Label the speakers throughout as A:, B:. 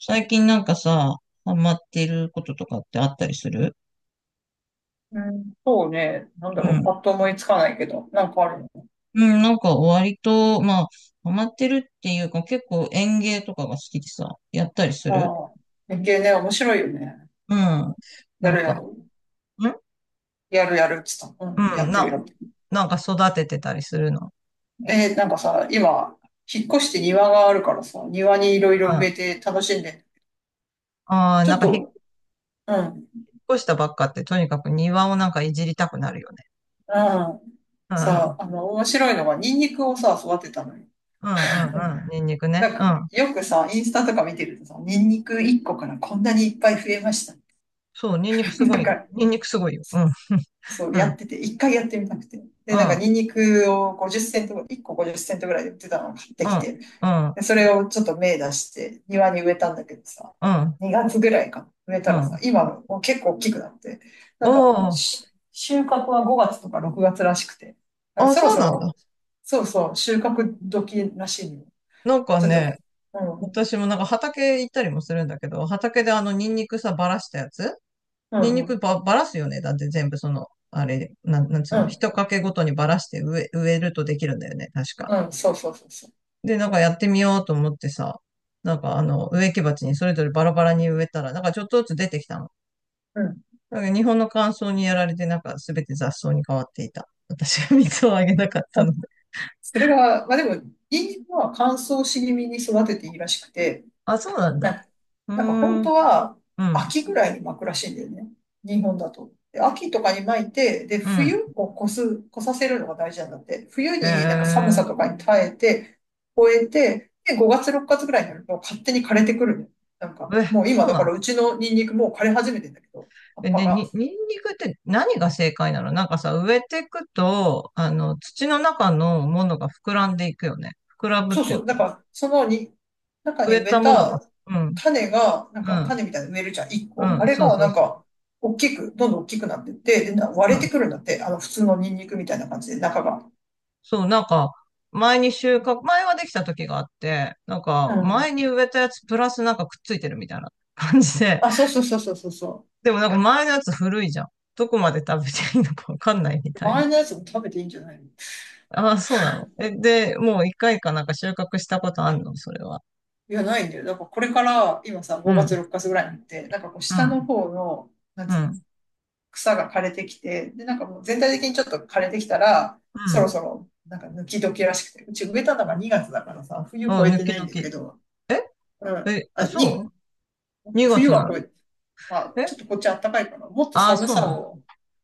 A: 最近なんかさ、ハマってることとかってあったりする？
B: うん、そうね。なんだ
A: う
B: ろう。
A: ん。
B: パッと思いつかないけど。なんかあるの？
A: うん、なんか割と、まあ、ハマってるっていうか、結構園芸とかが好きでさ、やったりする。
B: うん。連ね、面白いよね。
A: うん。
B: や
A: なん
B: る
A: か、
B: やる。やるやるっつった。うん。
A: う
B: や
A: ん、
B: ってるやってる。
A: なんか育ててたりするの？
B: なんかさ、今、引っ越して庭があるからさ、庭にいろい
A: うん。
B: ろ植
A: あ
B: えて楽しんで。
A: あ、
B: ちょ
A: なん
B: っ
A: か引っ
B: と、うん。
A: 越したばっかってとにかく庭をなんかいじりたくなるよね。
B: うん。
A: うん、う
B: さ、
A: ん、
B: 面白いのが、ニンニクをさ、育てたのよ。
A: うん、うんうん、ニンニクね。
B: なんか、
A: うん。
B: よくさ、インスタとか見てるとさ、ニンニク1個からこんなにいっぱい増えました。
A: そう、ニンニク すご
B: なん
A: いよ。
B: か、
A: ニンニクすごいよ。うん、
B: そう、
A: う
B: や
A: ん、
B: ってて、一回やってみたくて。
A: う
B: で、なんか、
A: ん、
B: ニンニクを50セント、1個50セントぐらいで売ってたのを買って
A: う
B: き
A: ん、
B: て、
A: うん、
B: でそれをちょっと芽出して、庭に植えたんだけどさ、
A: うん、
B: 2月ぐらいか、植えた
A: う
B: らさ、
A: ん。
B: 今もう結構大きくなって、な
A: お
B: んか、
A: ー。
B: 収穫は5月とか6月らしくて、だから
A: あ、
B: そろ
A: そう
B: そ
A: なん
B: ろ、
A: だ。
B: そうそう、収穫時らしいの。
A: なんか
B: ちょっと、
A: ね、
B: うん、
A: 私もなんか畑行ったりもするんだけど、畑であのニンニクさ、ばらしたやつ、
B: う
A: ニン
B: ん、
A: ニ
B: う
A: ク
B: ん、
A: ば、ばらすよね。だって全部その、あれ、なんつう
B: う
A: の、
B: ん、
A: 一かけごとにばらして植えるとできるんだよね、確か。
B: うん、そうそうそうそう。
A: で、なんかやってみようと思ってさ、なんかあの、植木鉢にそれぞれバラバラに植えたら、なんかちょっとずつ出てきたの。
B: うん。
A: だから日本の乾燥にやられて、なんかすべて雑草に変わっていた。私が水をあげなかったので。
B: それが、まあでも、ニンニクは乾燥し気味に育てていいらしくて、
A: あ、そうなんだ。
B: ね。
A: う
B: なんか本
A: ーん。
B: 当は
A: うん、
B: 秋ぐらいに巻くらしいんだよね。日本だと。で秋とかに巻いて、で、
A: うん。
B: 冬を越す、越させるのが大事なんだって。冬
A: へ
B: になんか寒さ
A: え。
B: とかに耐えて、越えて、で、5月、6月ぐらいになると勝手に枯れてくるの。なんか、
A: え、
B: もう今
A: そう
B: だか
A: なん
B: らう
A: だ。
B: ちのニンニクもう枯れ始めてんだけど、葉っ
A: え、
B: ぱが。
A: ニンニクって何が正解なの？なんかさ、植えていくと、あの、土の中のものが膨らんでいくよね。膨らむっ
B: そう
A: ていう
B: そ
A: か、
B: う。だから、そのに、中
A: 植
B: に
A: え
B: 植え
A: たものが、
B: た
A: うん、
B: 種が、なん
A: う
B: か
A: ん、
B: 種みたいに植えるじゃん、一
A: う
B: 個。あ
A: ん、
B: れ
A: そう
B: が、
A: そ
B: な
A: う
B: ん
A: そう。
B: か、大きく、どんどん大きくなってって、で、
A: う
B: 割れて
A: ん。
B: くるんだって。普通のニンニクみたいな感じで、中が。
A: そう、なんか、前に収穫、前はできた時があって、なん
B: う
A: か、
B: ん。
A: 前に植えたやつプラスなんかくっついてるみたいな 感じで。
B: あ、そうそうそうそうそうそ
A: でもなんか前のやつ古いじゃん。どこまで食べていいのかわかんないみ
B: う。
A: たい
B: 周
A: な。
B: りのやつも食べていいんじゃないの？
A: ああ、そうなの？え、で、もう一回かなんか収穫したことあるの、それは？
B: いや、ないんだよ。だからこれから、今さ、
A: う
B: 5月
A: ん、
B: 6日ぐらいになって、なんかこう、
A: う
B: 下
A: ん、
B: の方の、なん
A: う
B: つうの、
A: ん、
B: 草が枯れてきて、で、なんかもう全体的にちょっと枯れてきたら、
A: う
B: そ
A: ん。
B: ろそろ、なんか抜き時らしくて、うち植えたのが2月だからさ、冬越
A: あ、
B: え
A: 抜
B: て
A: き
B: ないんだ
A: 時。
B: けど、うん、
A: え、あ、
B: あ、
A: そう？ 2
B: 冬
A: 月
B: は
A: なの？
B: こうまあ、ちょっと
A: え、
B: こっち暖かいから、もっと
A: あ、
B: 寒
A: そう
B: さ
A: なの？
B: を、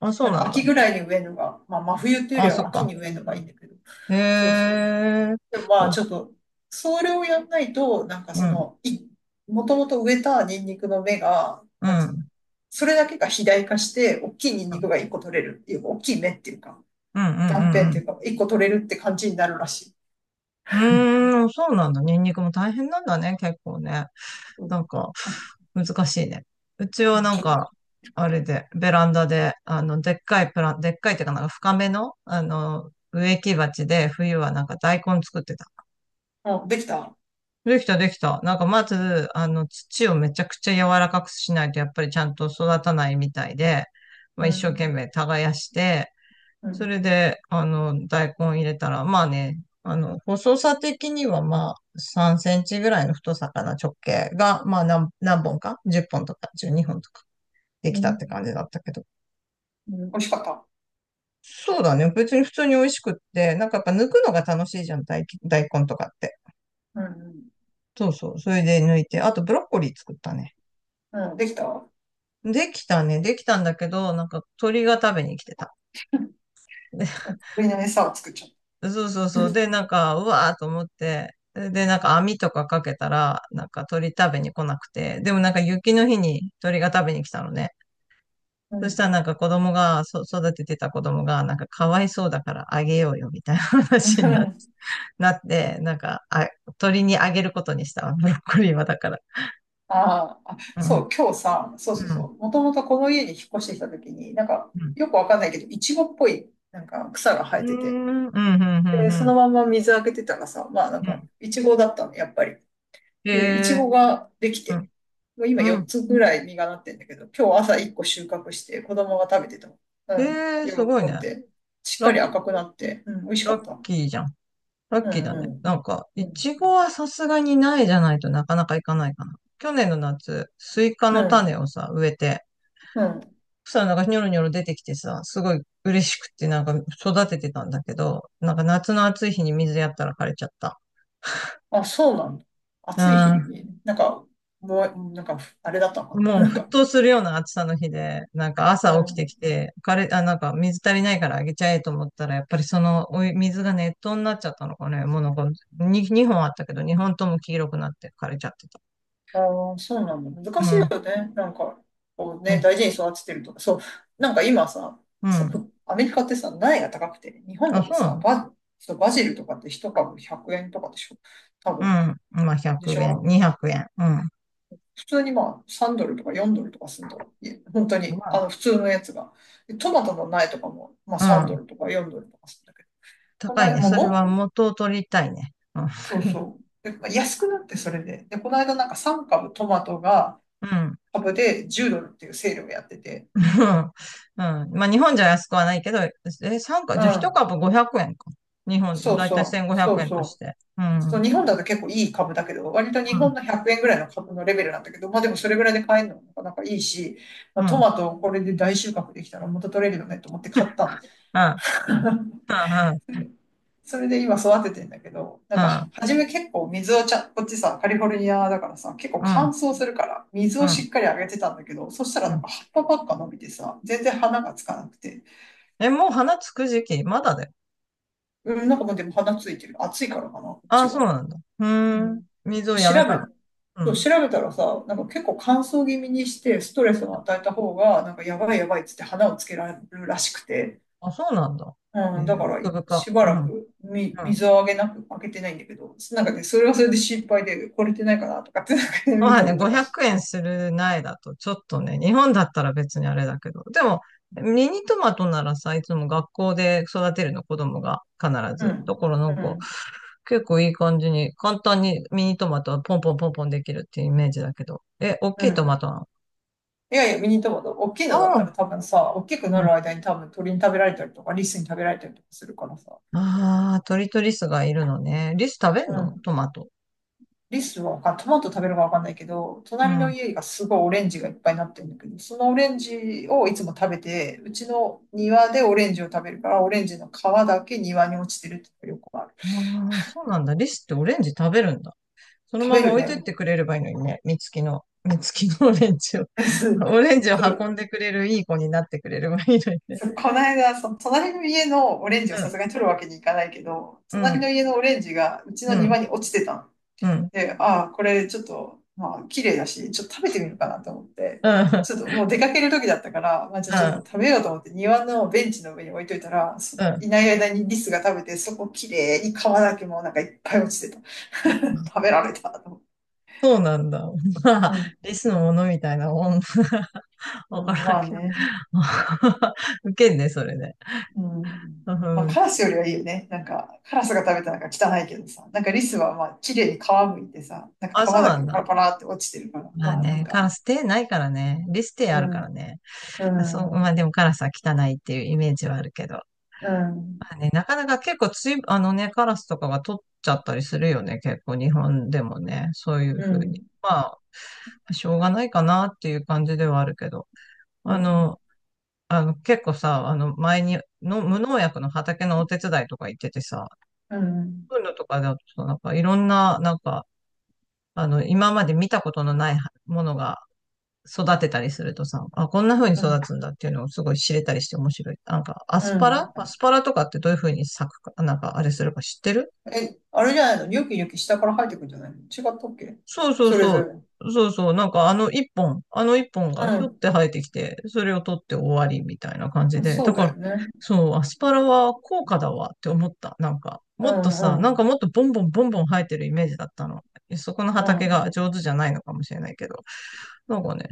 A: あ、そ
B: な
A: う
B: ん
A: な
B: か
A: んだ。
B: 秋ぐらいに植えるのが、まあ、真冬っていうより
A: あ、そ
B: は
A: っ
B: 秋
A: か。
B: に植えるのがいいんだけど、
A: へ
B: そうそう。
A: え。
B: でもまあ
A: お、
B: ちょっと、それをやんないと、なんか
A: う
B: そ
A: ん、うん、
B: の、もともと植えたニンニクの芽が、
A: う
B: なん
A: ん、
B: つ
A: う
B: うの、
A: ん、
B: それだけが肥大化して、大きいニンニクが一個取れるっていうか、大きい芽っていうか、
A: うん、う
B: 断片って
A: ん。
B: いうか、一個取れるって感じになるらしい。
A: うーん、そうなんだ。ニンニクも大変なんだね、結構ね。
B: うん、
A: なんか、
B: あ、
A: 難しいね。うち
B: う
A: は
B: ん
A: な
B: ち
A: ん
B: ょっ
A: か、あれで、ベランダで、あの、でっかいっていうかなんか深めの、あの、植木鉢で、冬はなんか大根作ってた。
B: と、うん、できた。
A: できた、できた。なんかまず、あの、土をめちゃくちゃ柔らかくしないと、やっぱりちゃんと育たないみたいで、まあ
B: う
A: 一生懸
B: ん、
A: 命耕して、
B: う
A: そ
B: ん、
A: れで、あの、大根入れたら、まあね、あの、細さ的にはまあ3センチぐらいの太さかな、直径が、まあ何本か、 10 本とか12本とかでき
B: う
A: たっ
B: ん、
A: て感じだったけど。
B: うん美味しかった。
A: そうだね。別に普通に美味しくって、なんかやっぱ抜くのが楽しいじゃん、大根とかって。
B: うん、
A: そうそう。それで抜いて、あとブロッコリー作ったね。
B: うん、うんできた。う
A: できたね。できたんだけど、なんか鳥が食べに来てた。
B: ん、上の餌を作っちゃっ
A: で、そうそうそう。で、なんか、うわーと思って、で、なんか網とかかけたら、なんか鳥食べに来なくて、でもなんか雪の日に鳥が食べに来たのね。
B: た。う
A: そした
B: ん。
A: らなんか子供が、育ててた子供が、なんかかわいそうだからあげようよ、みたいな話になって、なんか、あ、鳥にあげることにしたわ。ブロッコリーはだから。
B: あーあ、
A: う
B: そ
A: ん。
B: う、今日さ、そうそう
A: う
B: そ
A: ん。
B: う、もともとこの家に引っ越してきた時に、なんか、
A: うん。
B: よくわかんないけど、イチゴっぽい、なんか草が生
A: う
B: え
A: ー
B: てて、
A: ん。うん。うん。う
B: で、
A: ん。
B: そ
A: うん。
B: のまま水あげてたらさ、まあなん
A: う
B: か、
A: ん。
B: イチゴだったの、やっぱり。
A: へ
B: で、イチゴ
A: え。
B: ができ
A: う
B: て、
A: ん。
B: もう今
A: う
B: 4
A: ん。
B: つぐらい実がなってんだけど、今日朝1個収穫して、子供が食べてた。う
A: え
B: ん、
A: え、
B: 喜
A: すごい
B: ん
A: ね。
B: で、しっ
A: ラ
B: かり
A: ッ、
B: 赤くなって、うん、美味しか
A: ラ
B: っ
A: ッ
B: た。
A: キーじゃん。ラ
B: う
A: ッ
B: ん、
A: キーだ
B: う
A: ね。なんか、
B: ん、う
A: い
B: ん、
A: ちごはさすがにないじゃないとなかなかいかないかな。去年の夏、スイカ
B: う
A: の
B: ん、
A: 種をさ、植えて、
B: うん。
A: そしたらなんかニョロニョロ出てきてさ、すごい嬉しくってなんか育ててたんだけど、なんか夏の暑い日に水やったら枯れちゃった。
B: あ、そうなんだ。暑い日に、なんか、もう、なんか、あれだったのか
A: もう
B: な。なん
A: 沸
B: か、
A: 騰するような暑さの日で、なんか
B: う
A: 朝起きて
B: ん。
A: きて、あ、なんか水足りないからあげちゃえと思ったら、やっぱりそのお湯水が熱湯になっちゃったのかね。もうなんか、に2、本あったけど、2本とも黄色くなって枯れちゃってた。
B: あーそうなんだ。
A: う
B: 難しいよ
A: ん、
B: ね。なんか、こう
A: う
B: ね、
A: ん、
B: 大事に育ててるとか。そう。なんか今さ、
A: う
B: そ
A: ん。
B: う、アメリカってさ、苗が高くて、日本
A: あ、
B: だと
A: そうな
B: さ、
A: の？
B: バ、そうバジルとかって一株100円とかでしょ。多
A: う
B: 分。
A: ん。まあ、
B: でし
A: 100円、
B: ょ。
A: 200円。うん。
B: 普通にまあ、3ドルとか4ドルとかするんだから。いえ本当に、
A: ま
B: 普通のやつが。でトマトの苗とかも、まあ、3
A: あ、う
B: ド
A: ん。
B: ルとか4ドルとかするんだけど。こん
A: 高い
B: な、
A: ね。
B: もう
A: それは
B: も
A: 元を取りたいね。うん。
B: そうそう。で、安くなって、それで。で、この間なんか3株トマトが
A: うん、
B: 株で10ドルっていうセールをやってて。
A: うん。うん。まあ、日本じゃ安くはないけど、え、
B: う
A: じゃあ一
B: ん。
A: 株500円か。日本、
B: そう
A: だいたい
B: そう。
A: 1500
B: そう
A: 円と
B: そ
A: し
B: う。
A: て。うん。う
B: そう、
A: ん。
B: 日本だと結構いい株だけど、割と日本の100円ぐらいの株のレベルなんだけど、まあでもそれぐらいで買えるのもなかなかいいし、まあ、
A: う
B: ト
A: ん。
B: マトをこれで大収穫できたら元取れるよねと思って買ったんで。
A: うん。
B: うん。それで今育ててんだけど、な
A: う
B: んかは
A: ん。
B: 初め結構水をちゃ、こっちさ、カリフォルニアだからさ、結構
A: うん。う
B: 乾
A: ん。
B: 燥するから、水
A: う
B: をし
A: ん。
B: っかりあげてたんだけど、そしたら
A: う
B: なん
A: ん。
B: か葉っぱばっか伸びてさ、全然花がつかなくて。
A: え、もう花つく時期まだだよ？
B: うん、なんかもうでも花ついてる。暑いからかな、こっ
A: あ
B: ち
A: あ、そう
B: は。
A: なんだ。う
B: う
A: ーん。
B: ん。
A: 水をや
B: 調
A: めた
B: べ、
A: の？う
B: そう
A: ん。
B: 調べたらさ、なんか結構乾燥気味にして、ストレスを与えた方が、なんかやばいやばいっつって花をつけられるらしくて。
A: あ、そうなんだ。え
B: うん、だ
A: ー、
B: から、
A: 奥深。
B: しば
A: うん。
B: ら
A: うん。
B: く水をあげなく、あげてないんだけど、なんかね、それはそれで心配で、これてないかなとかって、なんかね、見
A: まあ
B: た
A: ね、
B: りとか
A: 500
B: し。
A: 円する苗だと、ちょっとね、日本だったら別にあれだけど、でも、ミニトマトならさ、いつも学校で育てるの、子供が必
B: う
A: ず。だ
B: ん、
A: からな
B: う
A: んか、
B: ん、
A: 結構いい感じに、簡単にミニトマトはポンポンポンポンできるっていうイメージだけど。え、大
B: う
A: きいトマ
B: ん。
A: トなの？
B: いやいや、ミニトマト、大きいのだっ
A: あ
B: たら
A: あ、
B: 多分さ、大きくな
A: うん。
B: る間に多分鳥に食べられたりとか、リスに食べられたりとかするからさ。
A: ああ、鳥とリスがいるのね。リス食べん
B: う
A: の
B: ん。
A: トマト？
B: リスはトマト食べるかわかんないけど、
A: う
B: 隣の
A: ん。
B: 家がすごいオレンジがいっぱいになってるんだけど、そのオレンジをいつも食べて、うちの庭でオレンジを食べるから、オレンジの皮だけ庭に落ちてるってよくある。
A: ああ、そうなんだ。リスってオレンジ食べるんだ。その
B: 食
A: ま
B: べ
A: ま
B: る
A: 置いとい
B: ね。
A: てくれればいいのにね、三きのオレンジを、
B: そう、
A: オレンジを運んでくれるいい子になってくれればいいのにね。
B: そう、この間、その隣の家のオレンジをさ
A: う
B: すがに取るわけにいかないけど、
A: ん、う
B: 隣
A: ん、
B: の家のオレンジがうちの
A: う
B: 庭
A: ん、
B: に落ちてたの。
A: うん、うん、
B: で、ああ、これちょっと、まあ、綺麗だし、ちょっと食べてみるかなと思って、ちょっともう出かける時だったから、まあ、じゃあ
A: う
B: ちょっと
A: ん、
B: 食べようと思って庭のベンチの上に置いといたら、そ
A: う
B: い
A: ん。
B: ない間にリスが食べて、そこ綺麗に皮だけもうなんかいっぱい落ちてた。食べられたと思って。
A: そうなんだ。まあ、
B: うん。
A: リスのものみたいなもん。
B: う
A: わか
B: ん
A: ら
B: ま
A: ん
B: あ
A: けど。
B: ね。
A: 受けんね、それね。
B: うん。
A: う
B: まあ、
A: ん。
B: カラスよりはいいよね。なんか、カラスが食べたらなんか汚いけどさ、なんかリスはまあ、綺麗に皮むいてさ、なん
A: あ、
B: か皮
A: そう
B: だ
A: な
B: け
A: ん
B: パラ
A: だ。
B: パラって落ちてるから、
A: まあ
B: まあなん
A: ね、カ
B: か、
A: ラス手ないからね。リス手
B: う
A: あるから
B: ん、
A: ね。
B: う
A: そう、まあ
B: ん、
A: でもカラスは汚いっていうイメージはあるけど。
B: う
A: ま
B: ん、
A: あね、なかなか結構つい、あのね、カラスとかが取っちゃったりするよね、結構日本でもね、そういう
B: う
A: ふうに。
B: ん、
A: まあ、しょうがないかなっていう感じではあるけど、
B: うん、
A: あ
B: うん、
A: の、結構さ、あの前にの無農薬の畑のお手伝いとか行っててさ、そういうのとかだとなんかいろんな、なんか、あの、今まで見たことのないものが育てたりするとさ、あ、こんな風に
B: う
A: 育
B: ん。
A: つんだっていうのをすごい知れたりして面白い。なんか、アス
B: う
A: パ
B: ん。
A: ラアスパラとかってどういう風に咲くか、なんかあれするか知ってる？
B: え、あれじゃないの？ニョキニョキ下から生えてくんじゃないの？違ったっけ？
A: そうそう
B: それ
A: そ
B: ぞ
A: う。
B: れ。
A: そうそう。なんかあの一本、あの一本
B: う
A: がひょっ
B: ん、
A: て生えてきて、それを取って終わりみたいな感じで。
B: そ
A: だ
B: う
A: か
B: だ
A: ら、
B: よね。
A: そう、アスパラは高価だわって思った。なんか、
B: う
A: もっと
B: ん、
A: さ、なん
B: う
A: か
B: ん、
A: もっとボンボンボンボン生えてるイメージだったの。そこの
B: う
A: 畑
B: ん。
A: が上手じゃないのかもしれないけど、なんかね、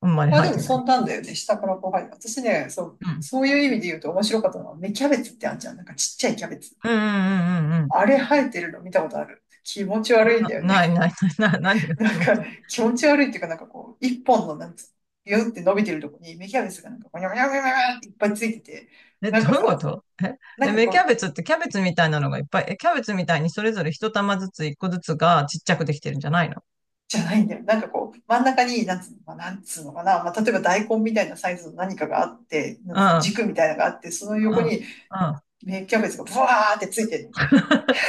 A: あんまり
B: まあ、
A: 生え
B: でも
A: てな
B: そ
A: い。
B: んなんだよね。下からこう入る。私ね、そう、
A: うん。
B: そういう意味で言うと面白かったのは、芽キャベツってあんじゃん。なんかちっちゃいキャベツ。
A: うん、うん、うん、うん、うん。
B: あれ生えてるの見たことある。気持ち悪いんだよね。
A: ないないない、何が 気
B: なん
A: 持ち？
B: か気持ち悪いっていうか、なんかこう、一本のなんつうの、ビューって伸びてるとこに芽キャベツがなんか、ゴニョゴニョゴニョゴニョっていっぱいついてて、
A: え、
B: なん
A: どう
B: か
A: いうこ
B: さ、
A: と？え、え、
B: なん
A: 芽
B: か
A: キャ
B: こ
A: ベ
B: う、
A: ツってキャベツみたいなのがいっぱい？え、キャベツみたいにそれぞれ一玉ずつ一個ずつがちっちゃくできてるんじゃないの？
B: じゃないんだよ。なんかこう、真ん中に、なんつうのかな、なんつうのかな、まあ、例えば大根みたいなサイズの何かがあって、なん
A: う
B: つうの
A: ん、
B: 軸みたいなのがあって、その
A: うん、
B: 横に、
A: うん。
B: 芽キャベツがブワーってついてる。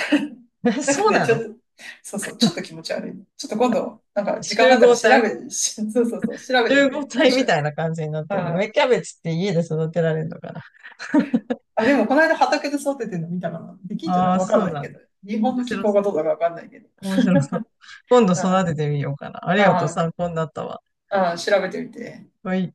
A: え、
B: なんか
A: そう
B: ね、
A: な
B: ちょっ
A: の？
B: と、そうそう、ちょっと気持ち悪い。ちょっと今度、なんか時間
A: 集
B: があった
A: 合
B: ら調
A: 体
B: べて、そうそうそう、調べて
A: 集
B: み
A: 合
B: て、面
A: 体み
B: 白
A: た
B: い。
A: いな感じになってるの？
B: あ
A: 芽キャベツって家で育てられるのかな
B: あ、でもこの間畑で育ててるの見たかな。で
A: あ？
B: きんじゃな い
A: あー、
B: わかん
A: そう
B: ない
A: な
B: け
A: ん
B: ど。
A: だ。
B: 日本
A: 面
B: の気
A: 白
B: 候
A: そ
B: が
A: う。
B: どうだかわかんないけど。
A: 面白そう。今度
B: あ
A: 育ててみようかな。ありがと
B: あ、
A: う、
B: あ
A: 参考になったわ。
B: あ、ああ調べてみて。
A: はい。